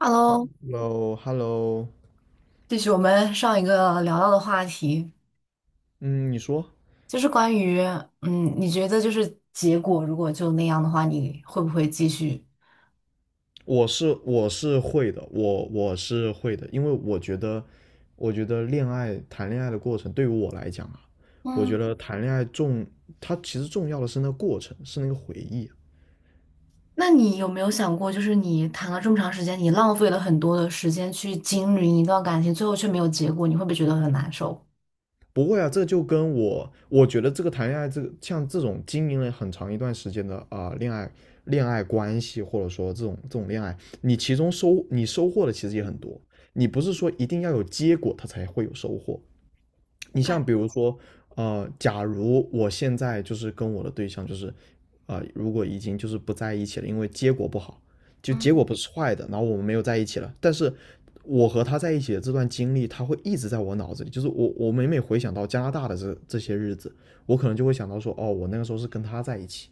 Hello。Hello，Hello，继续我们上一个聊到的话题，嗯，你说。就是关于，你觉得就是结果如果就那样的话，你会不会继续？我是会的，我是会的，因为我觉得恋爱谈恋爱的过程对于我来讲啊。我嗯，觉得谈恋爱重，它其实重要的是那个过程，是那个回忆啊。那你有没有想过，就是你谈了这么长时间，你浪费了很多的时间去经营一段感情，最后却没有结果，你会不会觉得很难受？不会啊，这就跟我，我觉得这个谈恋爱，这个像这种经营了很长一段时间的恋爱关系，或者说这种恋爱，你收获的其实也很多，你不是说一定要有结果它才会有收获。我你感，像比如说，假如我现在就是跟我的对象就是，如果已经就是不在一起了，因为结果不好，就结嗯，果不是坏的，然后我们没有在一起了，但是我和他在一起的这段经历，他会一直在我脑子里，就是我每每回想到加拿大的这些日子，我可能就会想到说，哦，我那个时候是跟他在一起，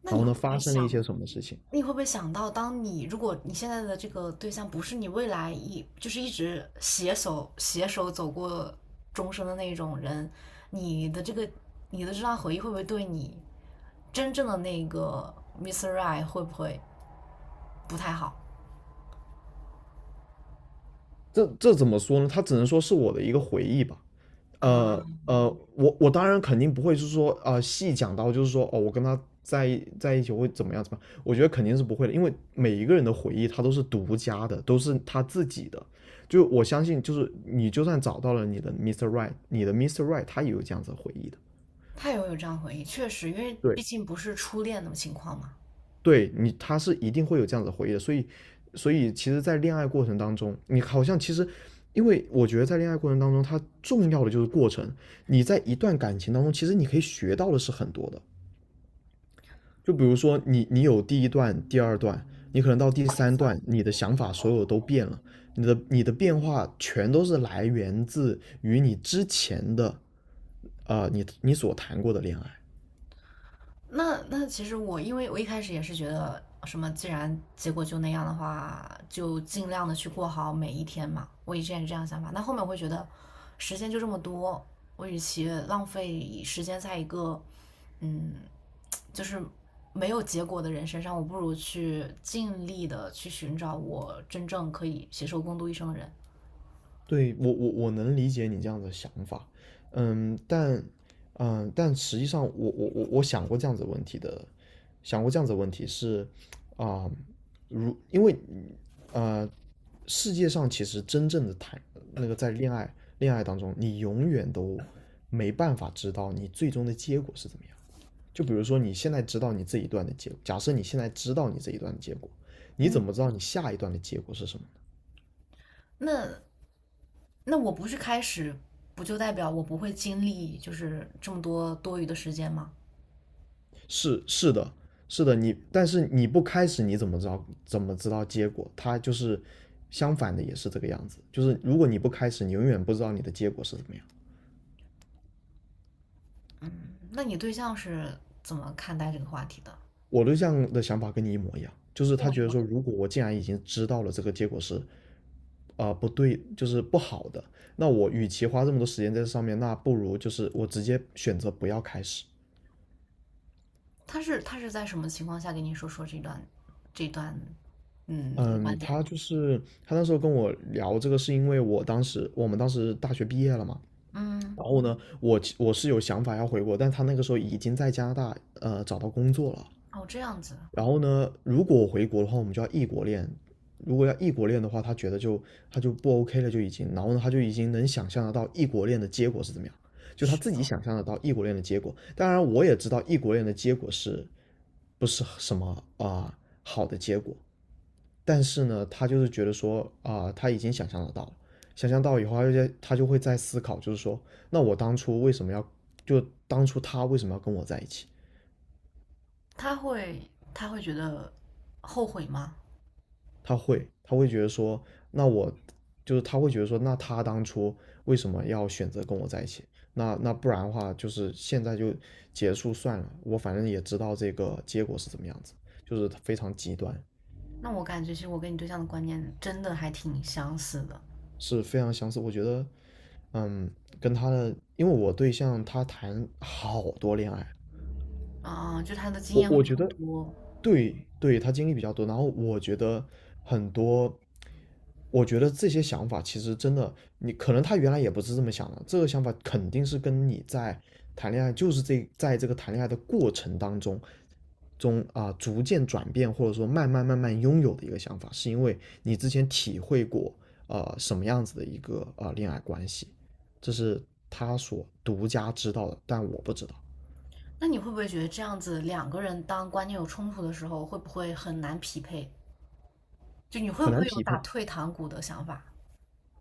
那然你后会呢不发会生了一想些什么事情。你会不会想到，当你如果你现在的这个对象不是你未来一就是一直携手走过终生的那种人，你的这个你的这段回忆会不会对你真正的Mr. i s Right 会不会不太好？这怎么说呢？他只能说是我的一个回忆吧。呃啊，呃，我当然肯定不会是说啊，细讲到就是说哦，我跟他在一起会怎么样怎么样，我觉得肯定是不会的，因为每一个人的回忆他都是独家的，都是他自己的。就我相信，就是你就算找到了你的 Mr. Right，你的 Mr. Right 他也有这样子的回忆的。他也会有这样回忆，确实，因为毕对，竟不是初恋的情况嘛。对你，他是一定会有这样子的回忆的。所以其实，在恋爱过程当中，你好像其实，因为我觉得在恋爱过程当中，它重要的就是过程。你在一段感情当中，其实你可以学到的是很多的。就比如说你有第一段、第二段，你可能到第三段，你的想法所有都变了，你的变化全都是来源自于你之前的，你所谈过的恋爱。那其实我因为我一开始也是觉得什么，既然结果就那样的话，就尽量的去过好每一天嘛。我以前是这样想法，那后面我会觉得时间就这么多，我与其浪费时间在一个嗯，就是没有结果的人身上，我不如去尽力的去寻找我真正可以携手共度一生的人。对，我能理解你这样的想法，嗯，但实际上我想过这样子的问题的，想过这样子的问题是，啊、如因为呃，世界上其实真正的谈那个在恋爱当中，你永远都没办法知道你最终的结果是怎么样。就比如说你现在知道你这一段的结果，假设你现在知道你这一段的结果，你嗯，怎么知道你下一段的结果是什么？那那我不去开始，不就代表我不会经历就是这么多多余的时间吗？是的，是的，但是你不开始你怎么知道结果？他就是相反的，也是这个样子。就是如果你不开始，你永远不知道你的结果是怎么样。那你对象是怎么看待这个话题的？我对象的想法跟你一模一样，就是跟他我一觉得模一说，样。如果我既然已经知道了这个结果是不对，就是不好的，那我与其花这么多时间在这上面，那不如就是我直接选择不要开始。他是在什么情况下跟你说说这段嗯，观点？他就是他那时候跟我聊这个，是因为我们当时大学毕业了嘛，嗯，然后呢，我是有想法要回国，但他那个时候已经在加拿大找到工作了。哦这样子，然后呢，如果我回国的话，我们就要异国恋。如果要异国恋的话，他就不 OK 了，就已经。然后呢，他就已经能想象得到异国恋的结果是怎么样，就他是自己的。想象得到异国恋的结果。当然，我也知道异国恋的结果是不是什么啊、呃好的结果，但是呢，他就是觉得说他已经想象得到了，想象到以后，他就会在思考，就是说，那我当初为什么要，就当初他为什么要跟我在一起？他会觉得后悔吗？他会觉得说，那我就是他会觉得说，那他当初为什么要选择跟我在一起？那不然的话，就是现在就结束算了，我反正也知道这个结果是怎么样子，就是非常极端。那我感觉其实我跟你对象的观念真的还挺相似的。是非常相似。我觉得，嗯，跟他的，因为我对象他谈好多恋爱，就他的经我验会我比较觉得，多。对对，他经历比较多，然后我觉得很多，我觉得这些想法其实真的，你可能他原来也不是这么想的，这个想法肯定是跟你在谈恋爱，就是这个谈恋爱的过程当中逐渐转变，或者说慢慢慢慢拥有的一个想法，是因为你之前体会过什么样子的一个恋爱关系，这是他所独家知道的，但我不知道。那你会不会觉得这样子两个人当观念有冲突的时候，会不会很难匹配？就你会不很难会有匹配，打退堂鼓的想法？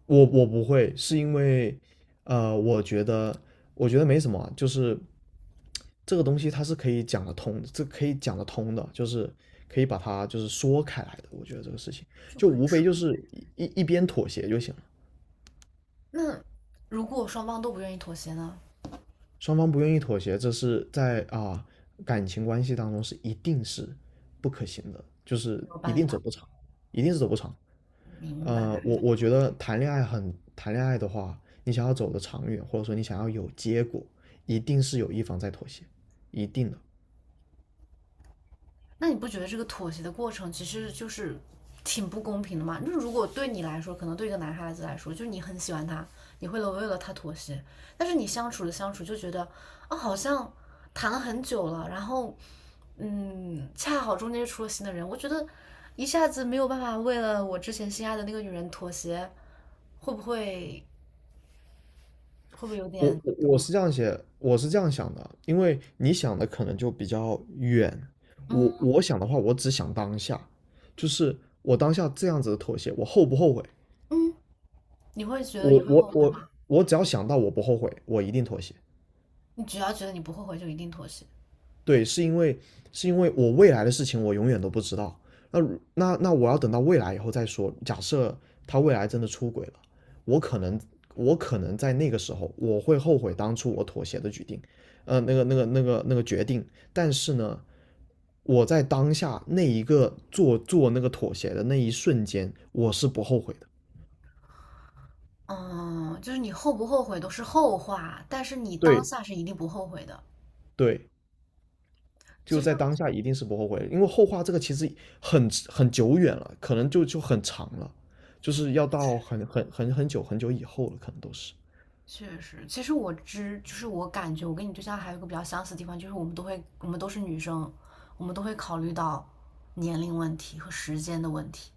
我不会，是因为，呃，我觉得我觉得没什么啊，就是这个东西它是可以讲得通，这可以讲得通的，就是可以把它就是说开来的。我觉得这个事情就就可以。无非就是一边妥协就行了。那如果双方都不愿意妥协呢？双方不愿意妥协，这是在感情关系当中是一定是不可行的，就是没有一办定走法，不长，一定是走不长。明白。我觉得谈恋爱的话，你想要走的长远，或者说你想要有结果，一定是有一方在妥协，一定的。那你不觉得这个妥协的过程其实就是挺不公平的吗？那如果对你来说，可能对一个男孩子来说，就是你很喜欢他，你会为了他妥协，但是你相处着相处就觉得啊，好像谈了很久了，然后恰好中间又出了新的人，我觉得一下子没有办法为了我之前心爱的那个女人妥协，会不会会不会有点我是这样想的，因为你想的可能就比较远，我嗯？我想的话，我只想当下，就是我当下这样子的妥协，我后不后悔？你会觉得你我会我后悔我吗？我只要想到我不后悔，我一定妥协。你只要觉得你不后悔，就一定妥协。对，是因为我未来的事情我永远都不知道。那那我要等到未来以后再说。假设他未来真的出轨了，我可能我可能在那个时候我会后悔当初我妥协的决定，那个决定。但是呢，我在当下那一个做做那个妥协的那一瞬间，我是不后悔的。嗯，就是你后不后悔都是后话，但是你当对下是一定不后悔的。对，其就实在当下一定是不后悔，因为后话这个其实很久远了，可能就很长了，就是要到很久很久以后了，可能都是。确实，其实我知，就是我感觉我跟你对象还有一个比较相似的地方，就是我们都会，我们都是女生，我们都会考虑到年龄问题和时间的问题。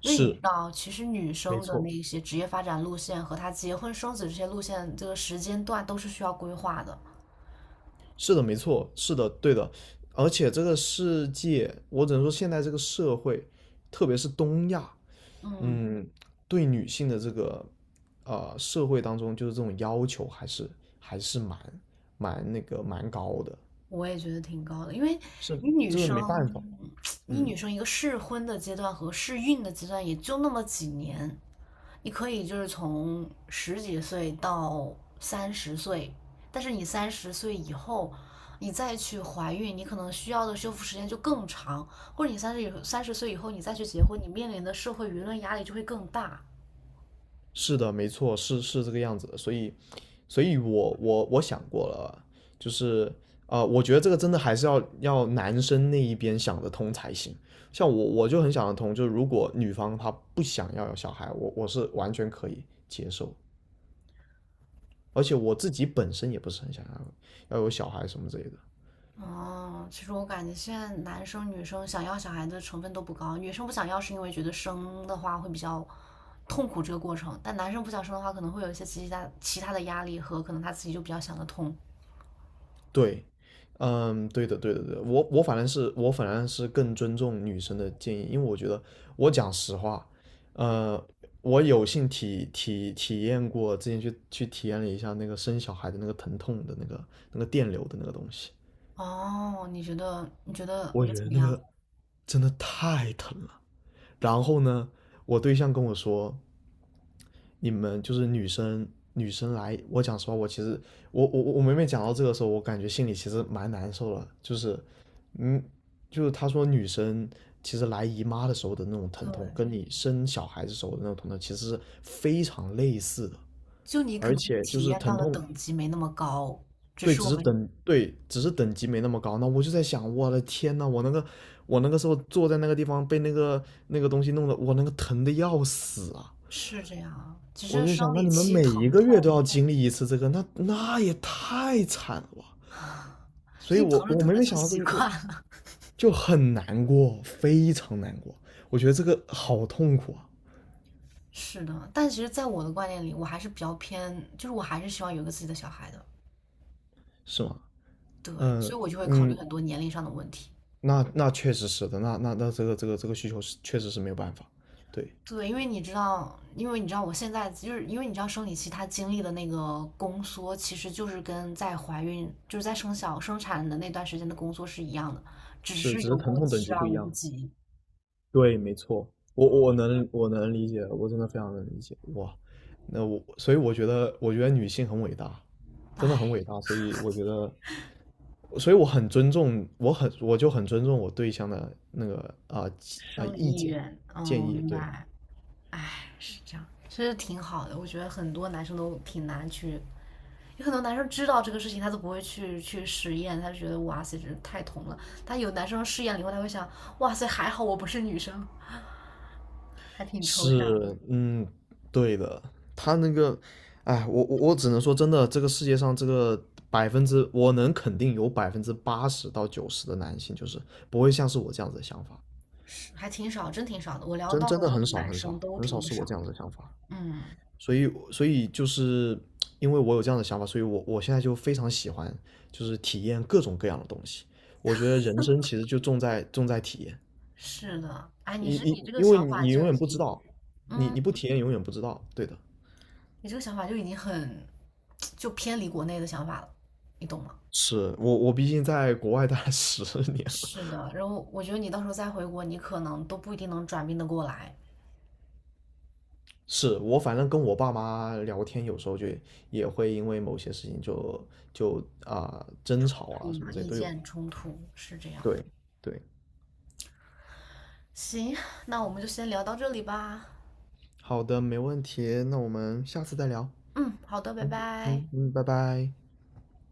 因为你知是，道，其实女没生的错，那些职业发展路线和她结婚生子这些路线，这个时间段都是需要规划的。是的，没错，是的，对的。而且这个世界，我只能说现在这个社会，特别是东亚。嗯，嗯，对女性的这个社会当中，就是这种要求还是蛮蛮那个蛮高的，我也觉得挺高的，因为是你女这个没生，办法，你女嗯。生一个适婚的阶段和适孕的阶段也就那么几年，你可以就是从十几岁到三十岁，但是你三十岁以后，你再去怀孕，你可能需要的修复时间就更长，或者你三十岁以后你再去结婚，你面临的社会舆论压力就会更大。是的，没错，是这个样子的，所以我想过了啊，就是我觉得这个真的还是要男生那一边想得通才行。像我就很想得通，就是如果女方她不想要有小孩，我是完全可以接受，而且我自己本身也不是很想要有小孩什么之类的。哦，其实我感觉现在男生女生想要小孩的成分都不高，女生不想要是因为觉得生的话会比较痛苦这个过程，但男生不想生的话可能会有一些其他的压力和可能他自己就比较想得通。对，嗯，对的，对的，对的，我反正是更尊重女生的建议，因为我觉得我讲实话，呃，我有幸体验过，之前去体验了一下那个生小孩的那个疼痛的那个电流的那个东西，哦，你觉得我觉怎得么那样？个真的太疼了。然后呢，我对象跟我说，你们就是女生来，我讲实话，我其实我每每讲到这个时候，我感觉心里其实蛮难受的，就是嗯，就是他说女生其实来姨妈的时候的那种疼对，痛，跟你生小孩子时候的那种疼痛其实是非常类似的，就你可而能且就体是验到疼的痛。等级没那么高，只对，是只我是们等，对，只是等级没那么高。那我就在想，我的天呐，我那个时候坐在那个地方被那个东西弄得，我那个疼的要死啊！是这样，只我是就生想，那理你们期每一疼个月都痛，要经历一次这个，那也太惨了吧！所是以你我，疼着我疼每着每就想到这习个就惯了。就很难过，非常难过。我觉得这个好痛苦啊。是的，但其实，在我的观念里，我还是比较偏，就是我还是希望有一个自己的小孩的。是吗？对，嗯所以我就会考虑嗯，很多年龄上的问题。那确实是的，那这个需求是确实是没有办法，对，对，因为你知道，因为你知道，我现在因为你知道生理期它经历的那个宫缩，其实就是跟在怀孕，就是在生产的那段时间的宫缩是一样的，只是是只有是疼过痛等期级不而一无不样，及。对，没错，我能理解，我真的非常能理解，哇，所以我觉得女性很伟大，真的很唉，伟大，所以我很尊重，我就很尊重我对象的那个生理意意见愿，嗯，建我议，明对，白。唉，是这样，其实挺好的，我觉得很多男生都挺难去有很多男生知道这个事情，他都不会去实验，他就觉得哇塞，这太痛了。他有男生试验了以后，他会想，哇塞，还好我不是女生，还挺抽象，是，嗯，对的，他那个，哎，我只能说真的，这个世界上这个百分之我能肯定有80%到90%的男性就是不会像是我这样子的想法。还挺少，真挺少的。我聊真到真的过很的少男很生少都很少挺是我少这样的。子的想法。嗯，所以就是因为我有这样的想法，所以我现在就非常喜欢，就是体验各种各样的东西。我觉得人生其实就重在体验，是的，哎，你你你这个因为想你法你永就已远不知经，道，你嗯，你不体验永远不知道，对的。你这个想法就已经很，就偏离国内的想法了，你懂吗？是我毕竟在国外待了10年了。是的，然后我觉得你到时候再回国，你可能都不一定能转变得过来，是我反正跟我爸妈聊天，有时候就也会因为某些事情就争吵啊什么嗯，这些意都有。见冲突是这样。对对，行，那我们就先聊到这里吧。好的，没问题，那我们下次再聊。嗯，好的，拜嗯拜。嗯嗯，拜拜。